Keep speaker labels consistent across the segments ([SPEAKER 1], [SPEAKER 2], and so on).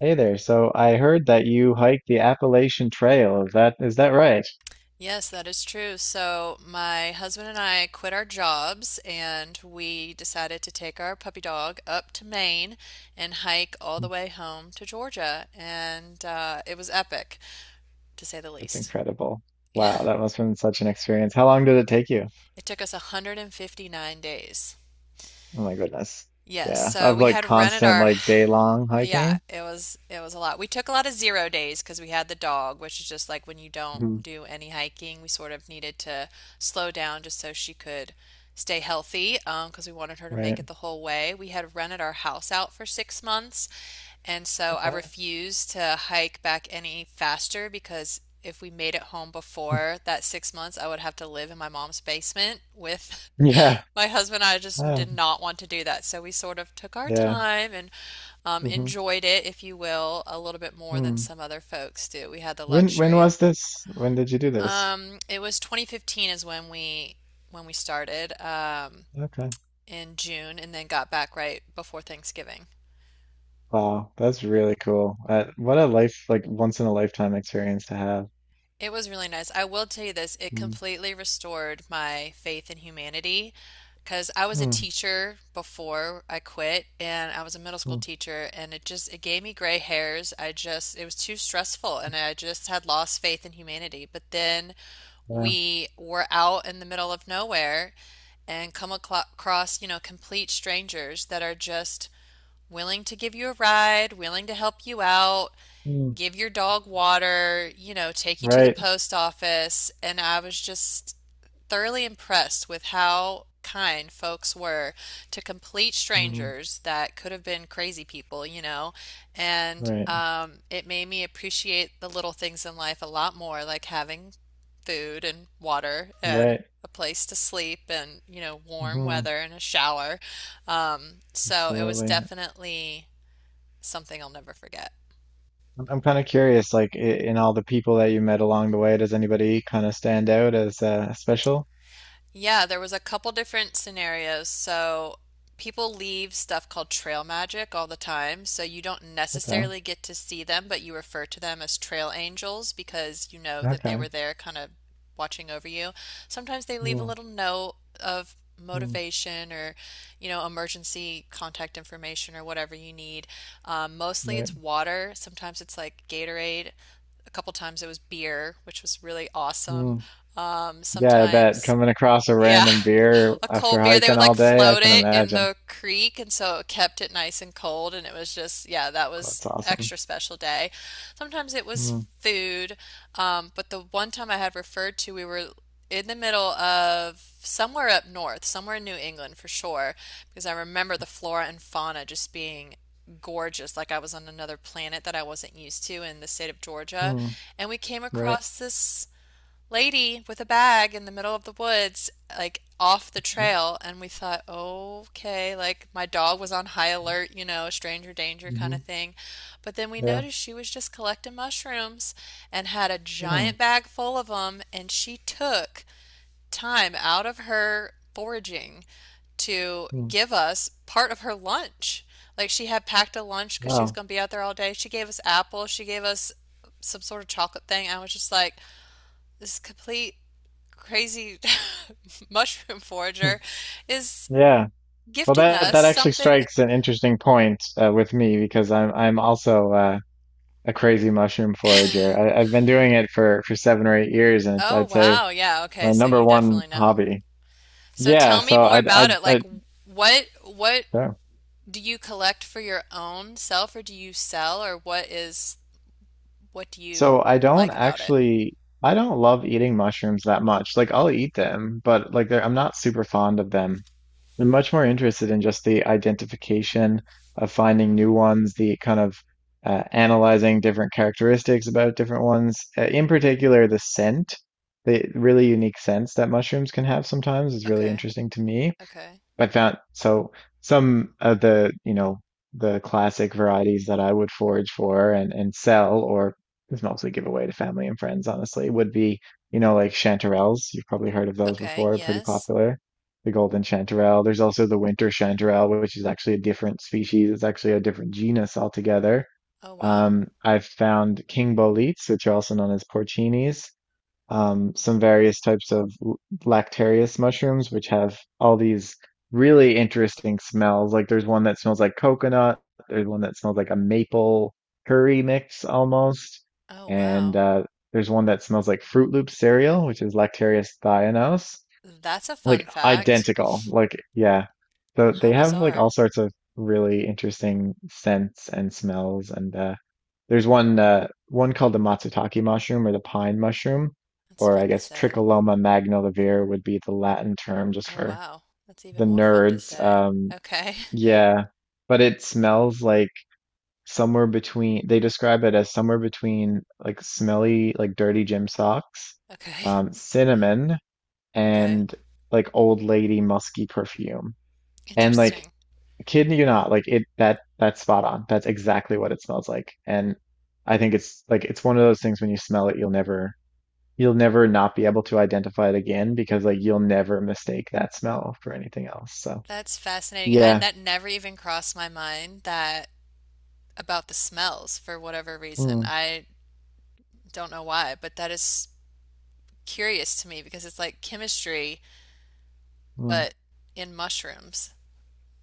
[SPEAKER 1] Hey there. So I heard that you hiked the Appalachian Trail. Is that right?
[SPEAKER 2] Yes, that is true. So, my husband and I quit our jobs and we decided to take our puppy dog up to Maine and hike all the
[SPEAKER 1] Mm.
[SPEAKER 2] way home to Georgia. And It was epic, to say the
[SPEAKER 1] That's
[SPEAKER 2] least.
[SPEAKER 1] incredible.
[SPEAKER 2] Yeah,
[SPEAKER 1] Wow, that must have been such an experience. How long did it take you?
[SPEAKER 2] it took us 159 days.
[SPEAKER 1] Oh my goodness.
[SPEAKER 2] Yes,
[SPEAKER 1] Yeah, so
[SPEAKER 2] so
[SPEAKER 1] I've
[SPEAKER 2] we
[SPEAKER 1] like
[SPEAKER 2] had rented
[SPEAKER 1] constant
[SPEAKER 2] our.
[SPEAKER 1] like day long
[SPEAKER 2] Yeah,
[SPEAKER 1] hiking.
[SPEAKER 2] it was a lot. We took a lot of zero days because we had the dog, which is just like when you don't
[SPEAKER 1] Hmm.
[SPEAKER 2] do any hiking. We sort of needed to slow down just so she could stay healthy, because we wanted her to make
[SPEAKER 1] Right.
[SPEAKER 2] it the whole way. We had rented our house out for 6 months, and so I
[SPEAKER 1] Okay.
[SPEAKER 2] refused to hike back any faster because if we made it home before that 6 months, I would have to live in my mom's basement with
[SPEAKER 1] Yeah.
[SPEAKER 2] my husband, and I just did
[SPEAKER 1] Oh,
[SPEAKER 2] not want to do that, so we sort of took our
[SPEAKER 1] yeah.
[SPEAKER 2] time and
[SPEAKER 1] Hmm.
[SPEAKER 2] enjoyed it, if you will, a little bit more than
[SPEAKER 1] Hmm.
[SPEAKER 2] some other folks do. We had the
[SPEAKER 1] When
[SPEAKER 2] luxury of
[SPEAKER 1] was this? When did you do
[SPEAKER 2] that.
[SPEAKER 1] this?
[SPEAKER 2] It was 2015 is when we started
[SPEAKER 1] Okay.
[SPEAKER 2] in June, and then got back right before Thanksgiving.
[SPEAKER 1] Wow, that's really cool. What a life like once in a lifetime experience to have.
[SPEAKER 2] It was really nice. I will tell you this, it
[SPEAKER 1] Mm.
[SPEAKER 2] completely restored my faith in humanity because I was a
[SPEAKER 1] Mm.
[SPEAKER 2] teacher before I quit, and I was a middle school
[SPEAKER 1] Mm.
[SPEAKER 2] teacher, and it just it gave me gray hairs. I just it was too stressful, and I just had lost faith in humanity. But then
[SPEAKER 1] Yeah.
[SPEAKER 2] we were out in the middle of nowhere and come across, you know, complete strangers that are just willing to give you a ride, willing to help you out,
[SPEAKER 1] Mm.
[SPEAKER 2] give your dog water, you know, take you to the
[SPEAKER 1] Right.
[SPEAKER 2] post office. And I was just thoroughly impressed with how kind folks were to complete
[SPEAKER 1] Hmm.
[SPEAKER 2] strangers that could have been crazy people, you know. And
[SPEAKER 1] Right,
[SPEAKER 2] um, it made me appreciate the little things in life a lot more, like having food and water and
[SPEAKER 1] right.
[SPEAKER 2] a place to sleep and, you know, warm
[SPEAKER 1] Hmm.
[SPEAKER 2] weather and a shower. So it was
[SPEAKER 1] Absolutely.
[SPEAKER 2] definitely something I'll never forget.
[SPEAKER 1] I'm kind of curious, like in all the people that you met along the way, does anybody kind of stand out as special?
[SPEAKER 2] Yeah, there was a couple different scenarios. So people leave stuff called trail magic all the time. So you don't
[SPEAKER 1] Okay,
[SPEAKER 2] necessarily get to see them, but you refer to them as trail angels because you know that they
[SPEAKER 1] okay.
[SPEAKER 2] were there kind of watching over you. Sometimes they leave a
[SPEAKER 1] Mm-hmm.
[SPEAKER 2] little note of motivation or, you know, emergency contact information or whatever you need. Mostly
[SPEAKER 1] Right.
[SPEAKER 2] it's water. Sometimes it's like Gatorade. A couple times it was beer, which was really awesome.
[SPEAKER 1] Mm.
[SPEAKER 2] Um,
[SPEAKER 1] Yeah, I bet
[SPEAKER 2] sometimes
[SPEAKER 1] coming across a
[SPEAKER 2] yeah.
[SPEAKER 1] random beer
[SPEAKER 2] A
[SPEAKER 1] after
[SPEAKER 2] cold beer. They
[SPEAKER 1] hiking
[SPEAKER 2] would
[SPEAKER 1] all
[SPEAKER 2] like
[SPEAKER 1] day, I
[SPEAKER 2] float
[SPEAKER 1] can
[SPEAKER 2] it in
[SPEAKER 1] imagine.
[SPEAKER 2] the creek, and so it kept it nice and cold. And it was just, yeah, that
[SPEAKER 1] Oh,
[SPEAKER 2] was
[SPEAKER 1] that's awesome.
[SPEAKER 2] extra special day. Sometimes it was
[SPEAKER 1] Mm-hmm.
[SPEAKER 2] food, but the one time I had referred to, we were in the middle of somewhere up north, somewhere in New England for sure, because I remember the flora and fauna just being gorgeous, like I was on another planet that I wasn't used to in the state of Georgia. And we came
[SPEAKER 1] Right.
[SPEAKER 2] across this lady with a bag in the middle of the woods, like off the
[SPEAKER 1] Yep.
[SPEAKER 2] trail. And we thought, oh, okay, like my dog was on high alert, you know, stranger danger kind
[SPEAKER 1] Mm-hmm.
[SPEAKER 2] of thing. But then we
[SPEAKER 1] Yeah.
[SPEAKER 2] noticed she was just collecting mushrooms and had a
[SPEAKER 1] Mm.
[SPEAKER 2] giant bag full of them. And she took time out of her foraging to
[SPEAKER 1] Mm.
[SPEAKER 2] give us part of her lunch. Like she had packed a lunch because she was
[SPEAKER 1] Wow.
[SPEAKER 2] going to be out there all day. She gave us apples. She gave us some sort of chocolate thing. I was just like, this is complete crazy mushroom
[SPEAKER 1] Hmm.
[SPEAKER 2] forager is
[SPEAKER 1] Yeah. Well,
[SPEAKER 2] gifting
[SPEAKER 1] that
[SPEAKER 2] us
[SPEAKER 1] that actually
[SPEAKER 2] something.
[SPEAKER 1] strikes an interesting point with me because I'm also a crazy mushroom forager. I've been doing it for 7 or 8 years, and it's
[SPEAKER 2] Oh,
[SPEAKER 1] I'd say
[SPEAKER 2] wow. Yeah, okay.
[SPEAKER 1] my
[SPEAKER 2] So
[SPEAKER 1] number
[SPEAKER 2] you
[SPEAKER 1] one
[SPEAKER 2] definitely know.
[SPEAKER 1] hobby.
[SPEAKER 2] So
[SPEAKER 1] Yeah,
[SPEAKER 2] tell me
[SPEAKER 1] so
[SPEAKER 2] more
[SPEAKER 1] I I
[SPEAKER 2] about it. Like
[SPEAKER 1] I
[SPEAKER 2] what
[SPEAKER 1] sure.
[SPEAKER 2] do you collect for your own self, or do you sell, or what is what do you
[SPEAKER 1] So I don't
[SPEAKER 2] like about it?
[SPEAKER 1] actually, I don't love eating mushrooms that much. Like I'll eat them, but like they're, I'm not super fond of them. I'm much more interested in just the identification of finding new ones, the kind of analyzing different characteristics about different ones, in particular the scent, the really unique scents that mushrooms can have sometimes is really
[SPEAKER 2] Okay.
[SPEAKER 1] interesting to me.
[SPEAKER 2] Okay.
[SPEAKER 1] I found some of the, you know, the classic varieties that I would forage for and sell or just mostly give away to family and friends, honestly, would be, you know, like chanterelles. You've probably heard of those
[SPEAKER 2] Okay.
[SPEAKER 1] before, pretty
[SPEAKER 2] Yes.
[SPEAKER 1] popular. The golden chanterelle. There's also the winter chanterelle, which is actually a different species. It's actually a different genus altogether.
[SPEAKER 2] Oh, wow.
[SPEAKER 1] I've found king boletes, which are also known as porcinis, some various types of lactarius mushrooms, which have all these really interesting smells. Like there's one that smells like coconut, there's one that smells like a maple curry mix almost,
[SPEAKER 2] Oh,
[SPEAKER 1] and
[SPEAKER 2] wow.
[SPEAKER 1] there's one that smells like Fruit Loop cereal, which is Lactarius thionos,
[SPEAKER 2] That's a
[SPEAKER 1] like
[SPEAKER 2] fun fact.
[SPEAKER 1] identical. Like yeah. So
[SPEAKER 2] How
[SPEAKER 1] they have like
[SPEAKER 2] bizarre.
[SPEAKER 1] all sorts of really interesting scents and smells, and there's one one called the matsutake mushroom or the pine mushroom,
[SPEAKER 2] That's
[SPEAKER 1] or I
[SPEAKER 2] fun to
[SPEAKER 1] guess
[SPEAKER 2] say.
[SPEAKER 1] Tricholoma magnivelare would be the Latin term just
[SPEAKER 2] Oh,
[SPEAKER 1] for
[SPEAKER 2] wow. That's
[SPEAKER 1] the
[SPEAKER 2] even more fun to
[SPEAKER 1] nerds.
[SPEAKER 2] say. Okay.
[SPEAKER 1] Yeah, but it smells like somewhere between they describe it as somewhere between like smelly, like dirty gym socks,
[SPEAKER 2] Okay.
[SPEAKER 1] cinnamon,
[SPEAKER 2] Okay.
[SPEAKER 1] and like old lady musky perfume. And like,
[SPEAKER 2] Interesting.
[SPEAKER 1] kidding you not, like it that that's spot on. That's exactly what it smells like. And I think it's like it's one of those things when you smell it, you'll never not be able to identify it again, because like you'll never mistake that smell for anything else. So
[SPEAKER 2] That's fascinating. I,
[SPEAKER 1] yeah.
[SPEAKER 2] that never even crossed my mind that about the smells for whatever reason.
[SPEAKER 1] Mm.
[SPEAKER 2] I don't know why, but that is curious to me because it's like chemistry,
[SPEAKER 1] Mm.
[SPEAKER 2] but in mushrooms.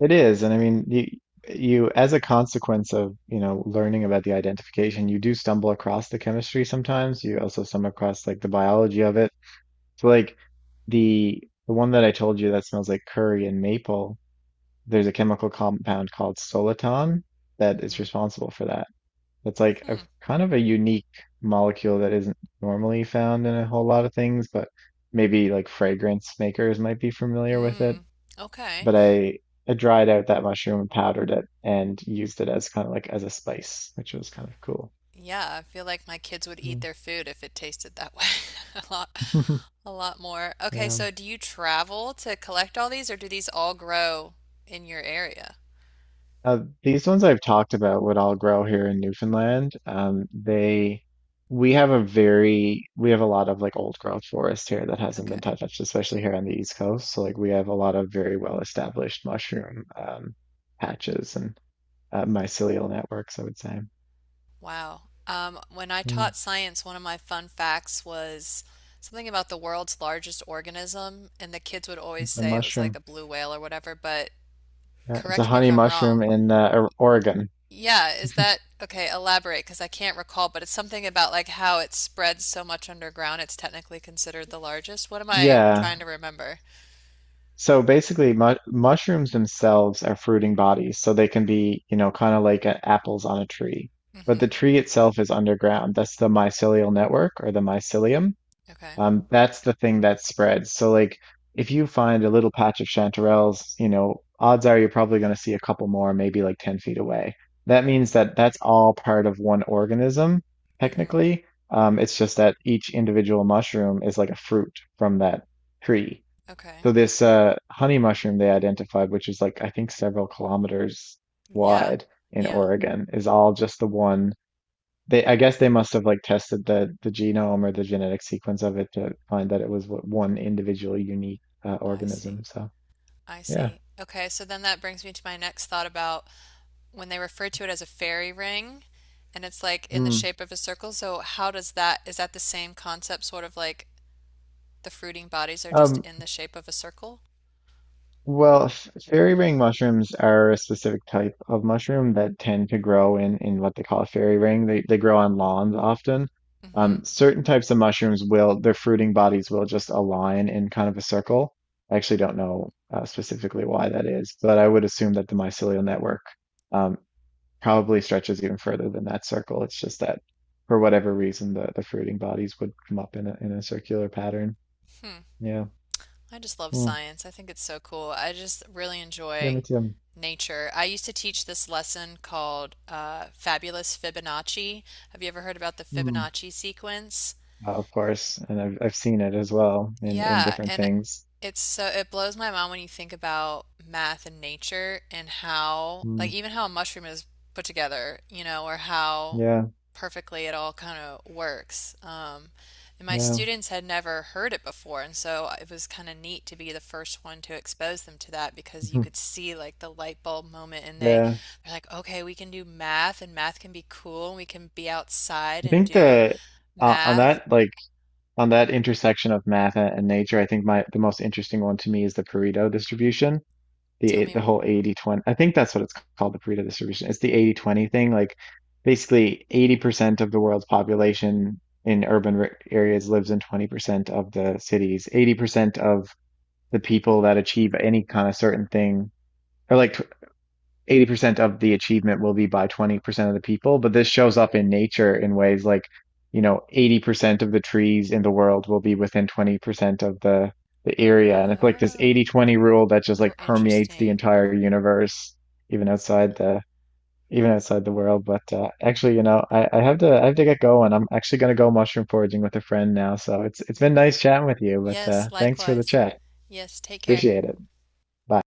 [SPEAKER 1] It is. And I mean, you as a consequence of, you know, learning about the identification, you do stumble across the chemistry sometimes. You also stumble across like the biology of it. So like the one that I told you that smells like curry and maple, there's a chemical compound called soliton that is
[SPEAKER 2] Hmm.
[SPEAKER 1] responsible for that. That's like a
[SPEAKER 2] Hmm.
[SPEAKER 1] kind of a unique molecule that isn't normally found in a whole lot of things, but maybe like fragrance makers might be familiar with it.
[SPEAKER 2] Mm. Okay.
[SPEAKER 1] But I dried out that mushroom and powdered it and used it as kind of like as a spice, which was kind of cool.
[SPEAKER 2] Yeah, I feel like my kids would eat
[SPEAKER 1] Mm.
[SPEAKER 2] their food if it tasted that way. A lot, a lot more. Okay,
[SPEAKER 1] Yeah.
[SPEAKER 2] so do you travel to collect all these, or do these all grow in your area?
[SPEAKER 1] These ones I've talked about would all grow here in Newfoundland. We have a very, we have a lot of like old growth forest here that hasn't
[SPEAKER 2] Okay.
[SPEAKER 1] been touched, especially here on the East Coast. So like we have a lot of very well established mushroom, patches and mycelial networks, I would say.
[SPEAKER 2] Wow. When I
[SPEAKER 1] Mm,
[SPEAKER 2] taught science, one of my fun facts was something about the world's largest organism, and the kids would always
[SPEAKER 1] it's a
[SPEAKER 2] say it was like
[SPEAKER 1] mushroom.
[SPEAKER 2] a blue whale or whatever, but
[SPEAKER 1] It's a
[SPEAKER 2] correct me if
[SPEAKER 1] honey
[SPEAKER 2] I'm
[SPEAKER 1] mushroom
[SPEAKER 2] wrong.
[SPEAKER 1] in Oregon.
[SPEAKER 2] Yeah, is that okay? Elaborate, because I can't recall, but it's something about like how it spreads so much underground, it's technically considered the largest. What am I trying
[SPEAKER 1] Yeah,
[SPEAKER 2] to remember?
[SPEAKER 1] so basically, mu mushrooms themselves are fruiting bodies, so they can be, you know, kind of like apples on a tree. But the
[SPEAKER 2] Mm-hmm.
[SPEAKER 1] tree itself is underground. That's the mycelial network or the mycelium.
[SPEAKER 2] Okay.
[SPEAKER 1] That's the thing that spreads. So like, if you find a little patch of chanterelles, you know, odds are you're probably going to see a couple more, maybe like 10 feet away. That means that that's all part of one organism,
[SPEAKER 2] Mm-hmm.
[SPEAKER 1] technically. It's just that each individual mushroom is like a fruit from that tree.
[SPEAKER 2] Okay.
[SPEAKER 1] So this honey mushroom they identified, which is like I think several kilometers
[SPEAKER 2] Yeah.
[SPEAKER 1] wide in
[SPEAKER 2] Yeah.
[SPEAKER 1] Oregon, is all just the one. They I guess they must have like tested the genome or the genetic sequence of it to find that it was what one individual unique
[SPEAKER 2] I see.
[SPEAKER 1] organism. So
[SPEAKER 2] I
[SPEAKER 1] yeah.
[SPEAKER 2] see. Okay, so then that brings me to my next thought about when they refer to it as a fairy ring and it's like in the
[SPEAKER 1] Mm.
[SPEAKER 2] shape of a circle. So how does that, is that the same concept, sort of like the fruiting bodies are just
[SPEAKER 1] Um,
[SPEAKER 2] in the shape of a circle?
[SPEAKER 1] Well, fairy ring mushrooms are a specific type of mushroom that tend to grow in what they call a fairy ring. They grow on lawns often.
[SPEAKER 2] Hmm.
[SPEAKER 1] Certain types of mushrooms will, their fruiting bodies will just align in kind of a circle. I actually don't know specifically why that is, but I would assume that the mycelial network um, probably stretches even further than that circle. It's just that for whatever reason the fruiting bodies would come up in a circular pattern.
[SPEAKER 2] Hmm.
[SPEAKER 1] Yeah.
[SPEAKER 2] I just love
[SPEAKER 1] Hmm.
[SPEAKER 2] science. I think it's so cool. I just really
[SPEAKER 1] Yeah,
[SPEAKER 2] enjoy
[SPEAKER 1] me too.
[SPEAKER 2] nature. I used to teach this lesson called Fabulous Fibonacci. Have you ever heard about the
[SPEAKER 1] Hmm.
[SPEAKER 2] Fibonacci sequence?
[SPEAKER 1] Of course, and I've seen it as well in
[SPEAKER 2] Yeah,
[SPEAKER 1] different
[SPEAKER 2] and
[SPEAKER 1] things.
[SPEAKER 2] it's so it blows my mind when you think about math and nature and how like
[SPEAKER 1] Mm,
[SPEAKER 2] even how a mushroom is put together, you know, or how
[SPEAKER 1] yeah,
[SPEAKER 2] perfectly it all kind of works. And my
[SPEAKER 1] yeah,
[SPEAKER 2] students had never heard it before, and so it was kind of neat to be the first one to expose them to that because you
[SPEAKER 1] mhm,
[SPEAKER 2] could see like the light bulb moment, and they
[SPEAKER 1] yeah.
[SPEAKER 2] they're like, okay, we can do math, and math can be cool, and we can be outside
[SPEAKER 1] I
[SPEAKER 2] and
[SPEAKER 1] think
[SPEAKER 2] do
[SPEAKER 1] the on
[SPEAKER 2] math.
[SPEAKER 1] that like on that intersection of and nature, I think my the most interesting one to me is the Pareto distribution,
[SPEAKER 2] Tell
[SPEAKER 1] the
[SPEAKER 2] me,
[SPEAKER 1] whole 80/20, I think that's what it's called, the Pareto distribution. It's the 80/20 thing. Like basically 80% of the world's population in urban r areas lives in 20% of the cities. 80% of the people that achieve any kind of certain thing, or like 80% of the achievement will be by 20% of the people, but this shows up in nature in ways like, you know, 80% of the trees in the world will be within 20% of the area. And it's like this
[SPEAKER 2] oh.
[SPEAKER 1] 80-20 rule that just like
[SPEAKER 2] Oh,
[SPEAKER 1] permeates the
[SPEAKER 2] interesting.
[SPEAKER 1] entire universe, even outside the even outside the world. But actually, you know, I have to get going. I'm actually gonna go mushroom foraging with a friend now. So it's been nice chatting with you, but
[SPEAKER 2] Yes,
[SPEAKER 1] thanks for the
[SPEAKER 2] likewise.
[SPEAKER 1] chat.
[SPEAKER 2] Yes, take care.
[SPEAKER 1] Appreciate it. Bye.